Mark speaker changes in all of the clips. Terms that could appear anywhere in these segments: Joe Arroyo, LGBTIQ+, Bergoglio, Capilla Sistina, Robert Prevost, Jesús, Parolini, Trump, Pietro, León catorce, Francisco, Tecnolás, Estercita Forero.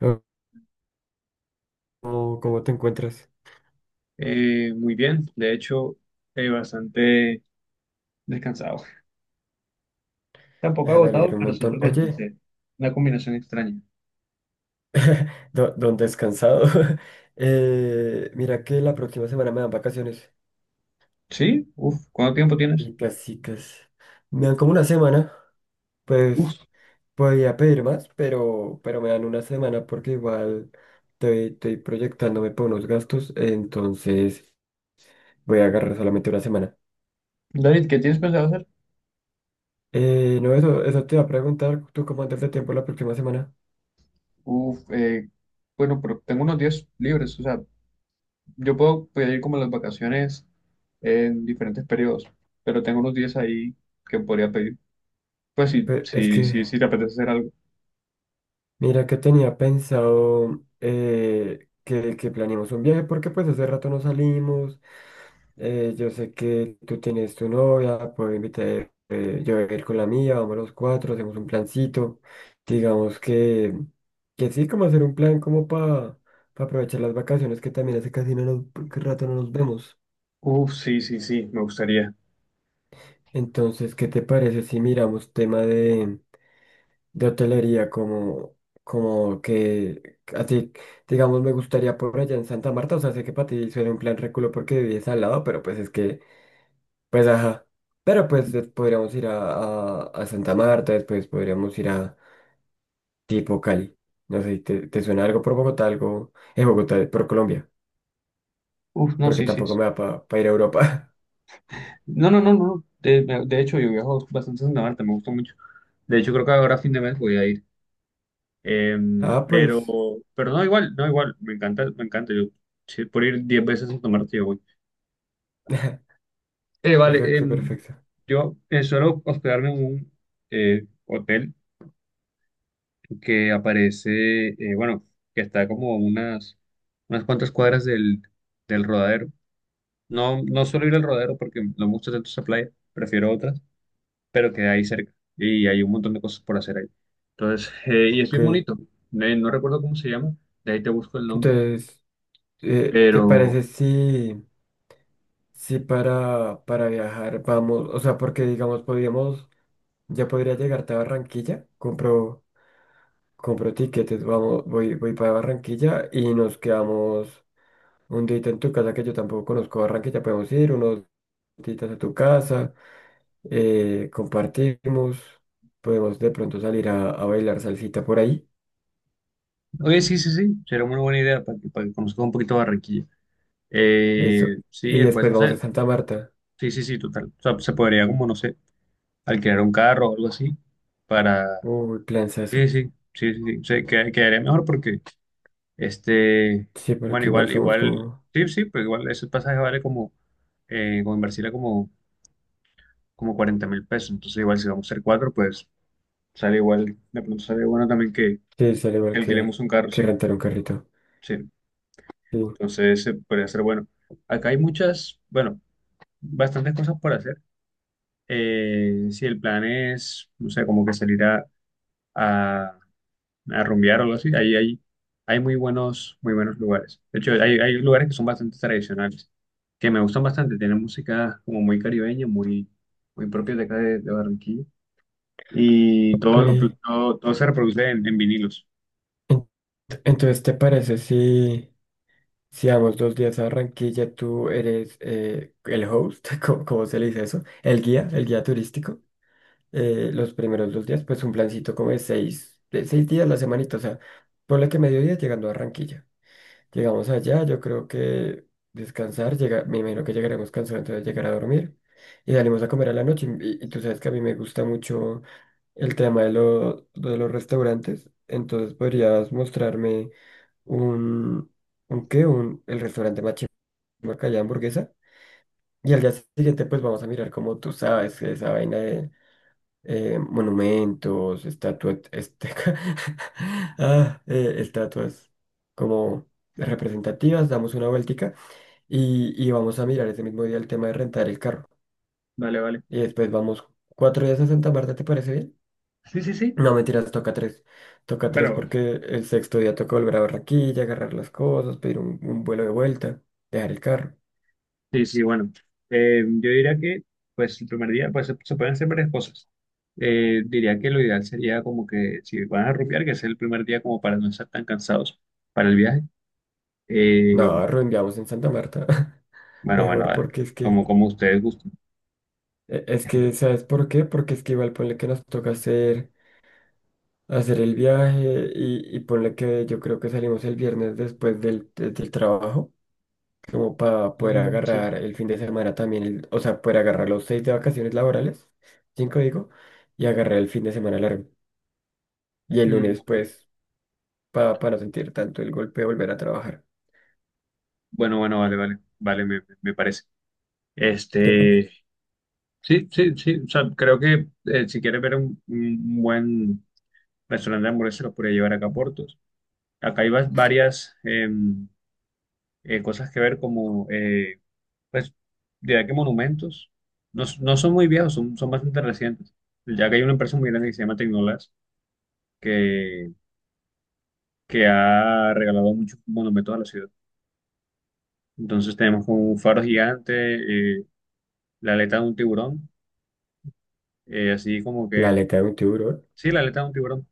Speaker 1: Oh. ¿Cómo te encuentras?
Speaker 2: Muy bien, de hecho, bastante descansado. Tampoco
Speaker 1: Ah, me
Speaker 2: agotado,
Speaker 1: alegro un
Speaker 2: pero siento
Speaker 1: montón.
Speaker 2: que
Speaker 1: Oye,
Speaker 2: descansé. Una combinación extraña.
Speaker 1: don descansado. Mira que la próxima semana me dan vacaciones.
Speaker 2: ¿Sí? Uf, ¿cuánto tiempo tienes?
Speaker 1: Y casi, casi. Me dan como una semana.
Speaker 2: Uf,
Speaker 1: Pues podía pedir más, pero me dan una semana porque igual estoy proyectándome por unos gastos. Entonces voy a agarrar solamente una semana.
Speaker 2: David, ¿qué tienes pensado hacer?
Speaker 1: No, eso te iba a preguntar. ¿Tú cómo andas de tiempo la próxima semana?
Speaker 2: Uf, bueno, pero tengo unos días libres, o sea, yo puedo pedir como las vacaciones en diferentes periodos, pero tengo unos días ahí que podría pedir. Pues sí,
Speaker 1: Es
Speaker 2: sí,
Speaker 1: que
Speaker 2: sí, sí te apetece hacer algo.
Speaker 1: mira que tenía pensado que planeemos un viaje porque pues hace rato no salimos. Yo sé que tú tienes tu novia, puedo invitar, yo voy a ir con la mía, vamos los cuatro, hacemos un plancito. Digamos que sí, como hacer un plan como para aprovechar las vacaciones que también hace casi no nos, que rato no nos vemos.
Speaker 2: Uf, sí, sí, sí, me gustaría.
Speaker 1: Entonces, ¿qué te parece si miramos tema de hotelería, como que a ti, digamos, me gustaría por allá en Santa Marta, o sea, sé que para ti suena un plan reculo porque vives al lado, pero pues es que, pues ajá, pero pues podríamos ir a, a Santa Marta, después podríamos ir a tipo Cali, no sé, si ¿te suena algo por Bogotá, algo en Bogotá, por Colombia?
Speaker 2: Uf, no,
Speaker 1: Porque
Speaker 2: sí, sí.
Speaker 1: tampoco me da para ir a Europa.
Speaker 2: No, no, no, no, no. De hecho, yo viajo bastante a Santa Marta, me gusta mucho. De hecho, creo que ahora a fin de mes voy a ir. Em,
Speaker 1: Ah,
Speaker 2: pero,
Speaker 1: pues.
Speaker 2: pero no, igual, no, igual. Me encanta, me encanta. Yo, sí, por ir 10 veces a Santa Marta, yo voy. Vale,
Speaker 1: Perfecto, perfecto.
Speaker 2: yo suelo hospedarme en un hotel que aparece, bueno, que está como a unas cuantas cuadras del Rodadero. No, no suelo ir al Rodadero porque no me gusta tanto esa playa, prefiero otras, pero queda ahí cerca y hay un montón de cosas por hacer ahí. Entonces, y es
Speaker 1: Ok,
Speaker 2: bien bonito. No recuerdo cómo se llama, de ahí te busco el nombre,
Speaker 1: entonces, ¿te
Speaker 2: pero...
Speaker 1: parece si? Si para viajar vamos, o sea, porque digamos, podríamos, ya podría llegarte a Barranquilla, compro tiquetes, vamos, voy para Barranquilla y nos quedamos un día en tu casa que yo tampoco conozco Barranquilla, podemos ir unos días a tu casa, compartimos, podemos de pronto salir a bailar salsita por ahí,
Speaker 2: Oye, sí, sí, sí, será una buena idea para que conozcas un poquito Barranquilla.
Speaker 1: eso,
Speaker 2: Sí,
Speaker 1: y
Speaker 2: después,
Speaker 1: después
Speaker 2: no
Speaker 1: vamos a
Speaker 2: sé,
Speaker 1: Santa Marta,
Speaker 2: sí, sí, sí, total. O sea, se podría como, no sé, alquilar un carro o algo así para...
Speaker 1: uy,
Speaker 2: Sí,
Speaker 1: eso
Speaker 2: sí, sí, sí, sí, quedaría mejor porque, este,
Speaker 1: sí,
Speaker 2: bueno,
Speaker 1: porque igual
Speaker 2: igual,
Speaker 1: somos
Speaker 2: igual,
Speaker 1: como,
Speaker 2: sí, sí, pero igual ese pasaje vale como, como en Barcelona como... como 40.000 pesos. Entonces, igual si vamos a ser cuatro, pues sale igual, de pronto sale bueno también que
Speaker 1: sí, sale igual
Speaker 2: alquilemos un carro,
Speaker 1: que
Speaker 2: sí,
Speaker 1: rentar un carrito.
Speaker 2: sí.
Speaker 1: Sí.
Speaker 2: Entonces, podría ser bueno. Acá hay muchas, bueno, bastantes cosas por hacer. Si el plan es, no sé, como que salir a, a rumbear o algo así, ahí hay, hay muy buenos lugares. De hecho, hay lugares que son bastante tradicionales, que me gustan bastante. Tienen música como muy caribeña, muy, muy propia de acá de Barranquilla. y todo, lo,
Speaker 1: Eh,
Speaker 2: Todo, todo se reproduce en vinilos.
Speaker 1: en- entonces, ¿te parece si vamos 2 días a Barranquilla? Tú eres el host. Cómo se le dice eso? El guía turístico. Los primeros 2 días, pues un plancito como de seis días la semanita, o sea, ponle que mediodía llegando a Barranquilla. Llegamos allá, yo creo que descansar, me imagino que llegaremos cansados, entonces llegar a dormir y salimos a comer a la noche. Y tú sabes que a mí me gusta mucho el tema de, de los restaurantes. Entonces podrías mostrarme un, un qué, un, el restaurante más chimba que haya hamburguesa. Y al día siguiente pues vamos a mirar como tú sabes, que esa vaina de monumentos, estatuas, este, ah, estatuas como representativas, damos una vueltica y vamos a mirar ese mismo día el tema de rentar el carro.
Speaker 2: Vale, vale.
Speaker 1: Y después vamos 4 días a Santa Marta, ¿te parece bien?
Speaker 2: Sí, sí, sí.
Speaker 1: No, mentiras, toca tres. Toca tres
Speaker 2: Bueno,
Speaker 1: porque el sexto día toca volver a Barranquilla, agarrar las cosas, pedir un vuelo de vuelta, dejar el carro.
Speaker 2: sí, sí, bueno. Yo diría que, pues, el primer día, pues, se pueden hacer varias cosas. Diría que lo ideal sería como que, si van a rupiar, que sea el primer día como para no estar tan cansados para el viaje. Eh,
Speaker 1: No, reenviamos en Santa Marta.
Speaker 2: bueno, bueno,
Speaker 1: Mejor
Speaker 2: vale.
Speaker 1: porque es que,
Speaker 2: Como, como ustedes gusten.
Speaker 1: es que, ¿sabes por qué? Porque es que igual ponle que nos toca hacer el viaje y ponle que yo creo que salimos el viernes después del, del trabajo, como para poder
Speaker 2: Mm, sí.
Speaker 1: agarrar el fin de semana también, el, o sea, poder agarrar los seis de vacaciones laborales, cinco digo, y agarrar el fin de semana largo. Y el
Speaker 2: Mm,
Speaker 1: lunes, pues, para no sentir tanto el golpe de volver a trabajar.
Speaker 2: bueno, bueno, vale, vale, vale, me, me parece.
Speaker 1: Tepa,
Speaker 2: Este, sí, sí, sí, o sea, creo que si quieres ver un buen restaurante de hamburguesas lo podría llevar acá a Portos. Acá hay varias cosas que ver, como, pues, diría que monumentos. No, no son muy viejos, son, son bastante recientes. Ya que hay una empresa muy grande que se llama Tecnolás, que, que ha regalado muchos monumentos a la ciudad. Entonces tenemos como un faro gigante, eh, la aleta de un tiburón, así como
Speaker 1: la
Speaker 2: que,
Speaker 1: aleta de un tiburón.
Speaker 2: sí, la aleta de un tiburón.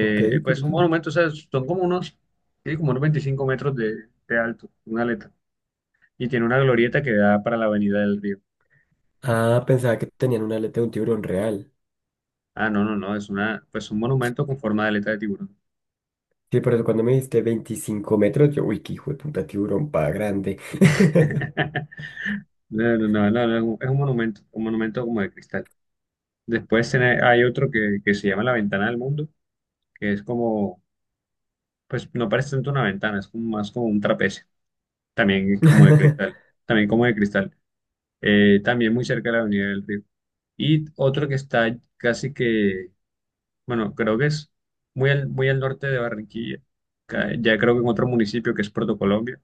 Speaker 1: Ok,
Speaker 2: Pues un
Speaker 1: curioso.
Speaker 2: monumento, o sea, son como unos, sí, como unos 25 metros de alto, una aleta. Y tiene una glorieta que da para la avenida del río.
Speaker 1: Ah, pensaba que tenían una aleta de un tiburón real.
Speaker 2: Ah, no, no, no, es una, pues un monumento con forma de aleta de tiburón.
Speaker 1: Sí, por eso cuando me dijiste 25 metros, yo, uy, qué hijo de puta tiburón pa' grande.
Speaker 2: No, no, no, no, no, es un, es un monumento como de cristal. Después hay otro que se llama la ventana del mundo, que es como, pues no parece tanto una ventana, es como, más como un trapecio, también como de cristal, también como de cristal. También muy cerca de la avenida del río. Y otro que está casi que, bueno, creo que es muy al norte de Barranquilla. Ya creo que en otro municipio que es Puerto Colombia,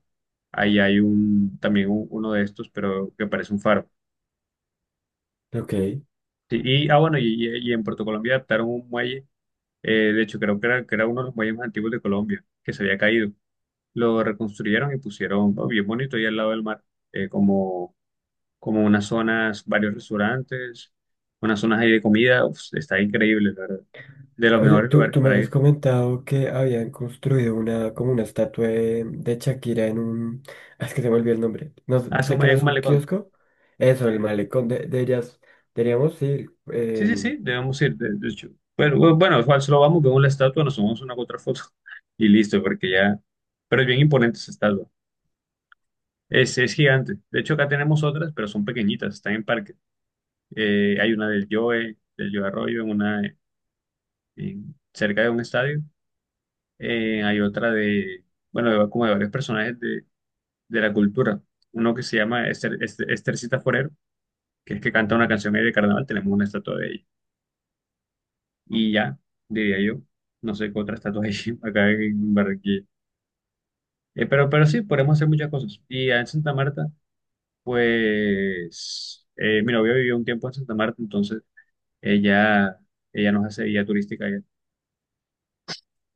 Speaker 2: ahí hay un, también uno de estos, pero que parece un faro.
Speaker 1: Ok.
Speaker 2: Sí, y, ah, bueno, y, y en Puerto Colombia adaptaron un muelle, de hecho creo que era uno de los muelles más antiguos de Colombia, que se había caído. Lo reconstruyeron y pusieron, oh, bien bonito, ahí al lado del mar, como, como unas zonas, varios restaurantes, unas zonas ahí de comida. Uf, está increíble, la verdad. De los
Speaker 1: Oye,
Speaker 2: mejores
Speaker 1: tú,
Speaker 2: lugares
Speaker 1: tú me
Speaker 2: para
Speaker 1: habías
Speaker 2: ir.
Speaker 1: comentado que habían construido una, como una estatua de Shakira en un. Ah, es que se me olvidó el nombre. No, sé
Speaker 2: Ah, es
Speaker 1: sé que no
Speaker 2: en
Speaker 1: es
Speaker 2: un
Speaker 1: un
Speaker 2: malecón.
Speaker 1: kiosco. Eso, el malecón de ellas. Deberíamos ir.
Speaker 2: Sí, sí, sí,
Speaker 1: Em,
Speaker 2: debemos ir, de hecho. Bueno, bueno, igual solo vamos, vemos la estatua, nos tomamos una u otra foto y listo, porque ya... Pero es bien imponente esa estatua. Es gigante. De hecho, acá tenemos otras, pero son pequeñitas, están en parque. Hay una del Joe Arroyo, en una, en- cerca de un estadio. Hay otra de, bueno, como de varios personajes de la cultura. Uno que se llama Esther, Estercita Forero, que es que canta una canción ahí de carnaval, tenemos una estatua de ella. Y ya, diría yo. No sé qué otra estatua hay acá en Barranquilla. Pero sí, podemos hacer muchas cosas. Y en Santa Marta, pues, mi novia vivió un tiempo en Santa Marta, entonces ella, ella nos hace guía turística allá.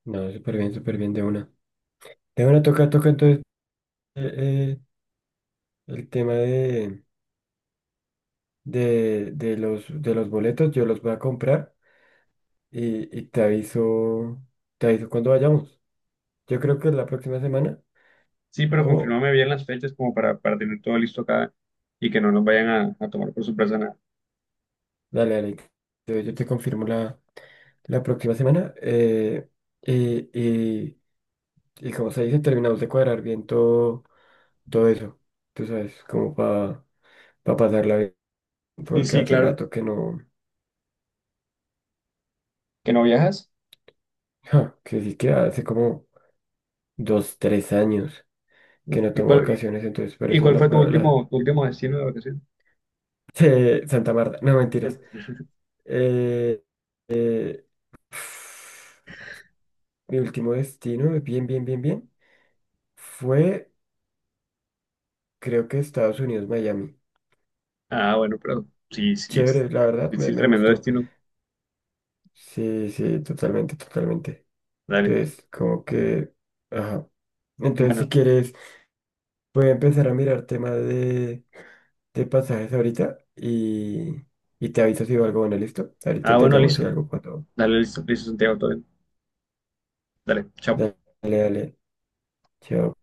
Speaker 1: no, súper bien de una. De una toca, toca entonces, eh, eh, el tema de, de los boletos, yo los voy a comprar y te aviso cuando vayamos. Yo creo que la próxima semana,
Speaker 2: Sí, pero
Speaker 1: o
Speaker 2: confírmame bien las fechas como para tener todo listo acá y que no nos vayan a tomar por sorpresa nada.
Speaker 1: dale, dale, yo te confirmo la próxima semana. Y, y como se dice, terminamos de cuadrar bien todo, todo eso. Tú sabes, como para pasarla bien,
Speaker 2: Sí,
Speaker 1: porque
Speaker 2: sí,
Speaker 1: hace
Speaker 2: claro.
Speaker 1: rato que no.
Speaker 2: ¿Que no viajas?
Speaker 1: Ja, que sí, que hace como 2, 3 años que no
Speaker 2: ¿Y
Speaker 1: tomo
Speaker 2: cuál, y,
Speaker 1: vacaciones, entonces por
Speaker 2: y
Speaker 1: eso
Speaker 2: cuál
Speaker 1: las
Speaker 2: fue
Speaker 1: veo la.
Speaker 2: tu último destino de vacaciones?
Speaker 1: Santa Marta, no mentiras. Eh, eh, mi último destino, bien, bien, bien, bien, fue creo que Estados Unidos, Miami.
Speaker 2: Ah, bueno, pero sí, sí, sí,
Speaker 1: Chévere, la verdad, me,
Speaker 2: sí,
Speaker 1: me
Speaker 2: tremendo
Speaker 1: gustó.
Speaker 2: destino.
Speaker 1: Sí, sí, totalmente, totalmente.
Speaker 2: Dale.
Speaker 1: Entonces, como que, ajá. Entonces, si
Speaker 2: Bueno,
Speaker 1: quieres, voy a empezar a mirar tema de pasajes ahorita y te aviso si veo algo bueno, ¿listo?
Speaker 2: ah,
Speaker 1: Ahorita te
Speaker 2: bueno,
Speaker 1: llamo si
Speaker 2: listo.
Speaker 1: algo cuando.
Speaker 2: Dale, listo, listo, Santiago, todo bien. Dale, chao.
Speaker 1: Dale, dale. Yo,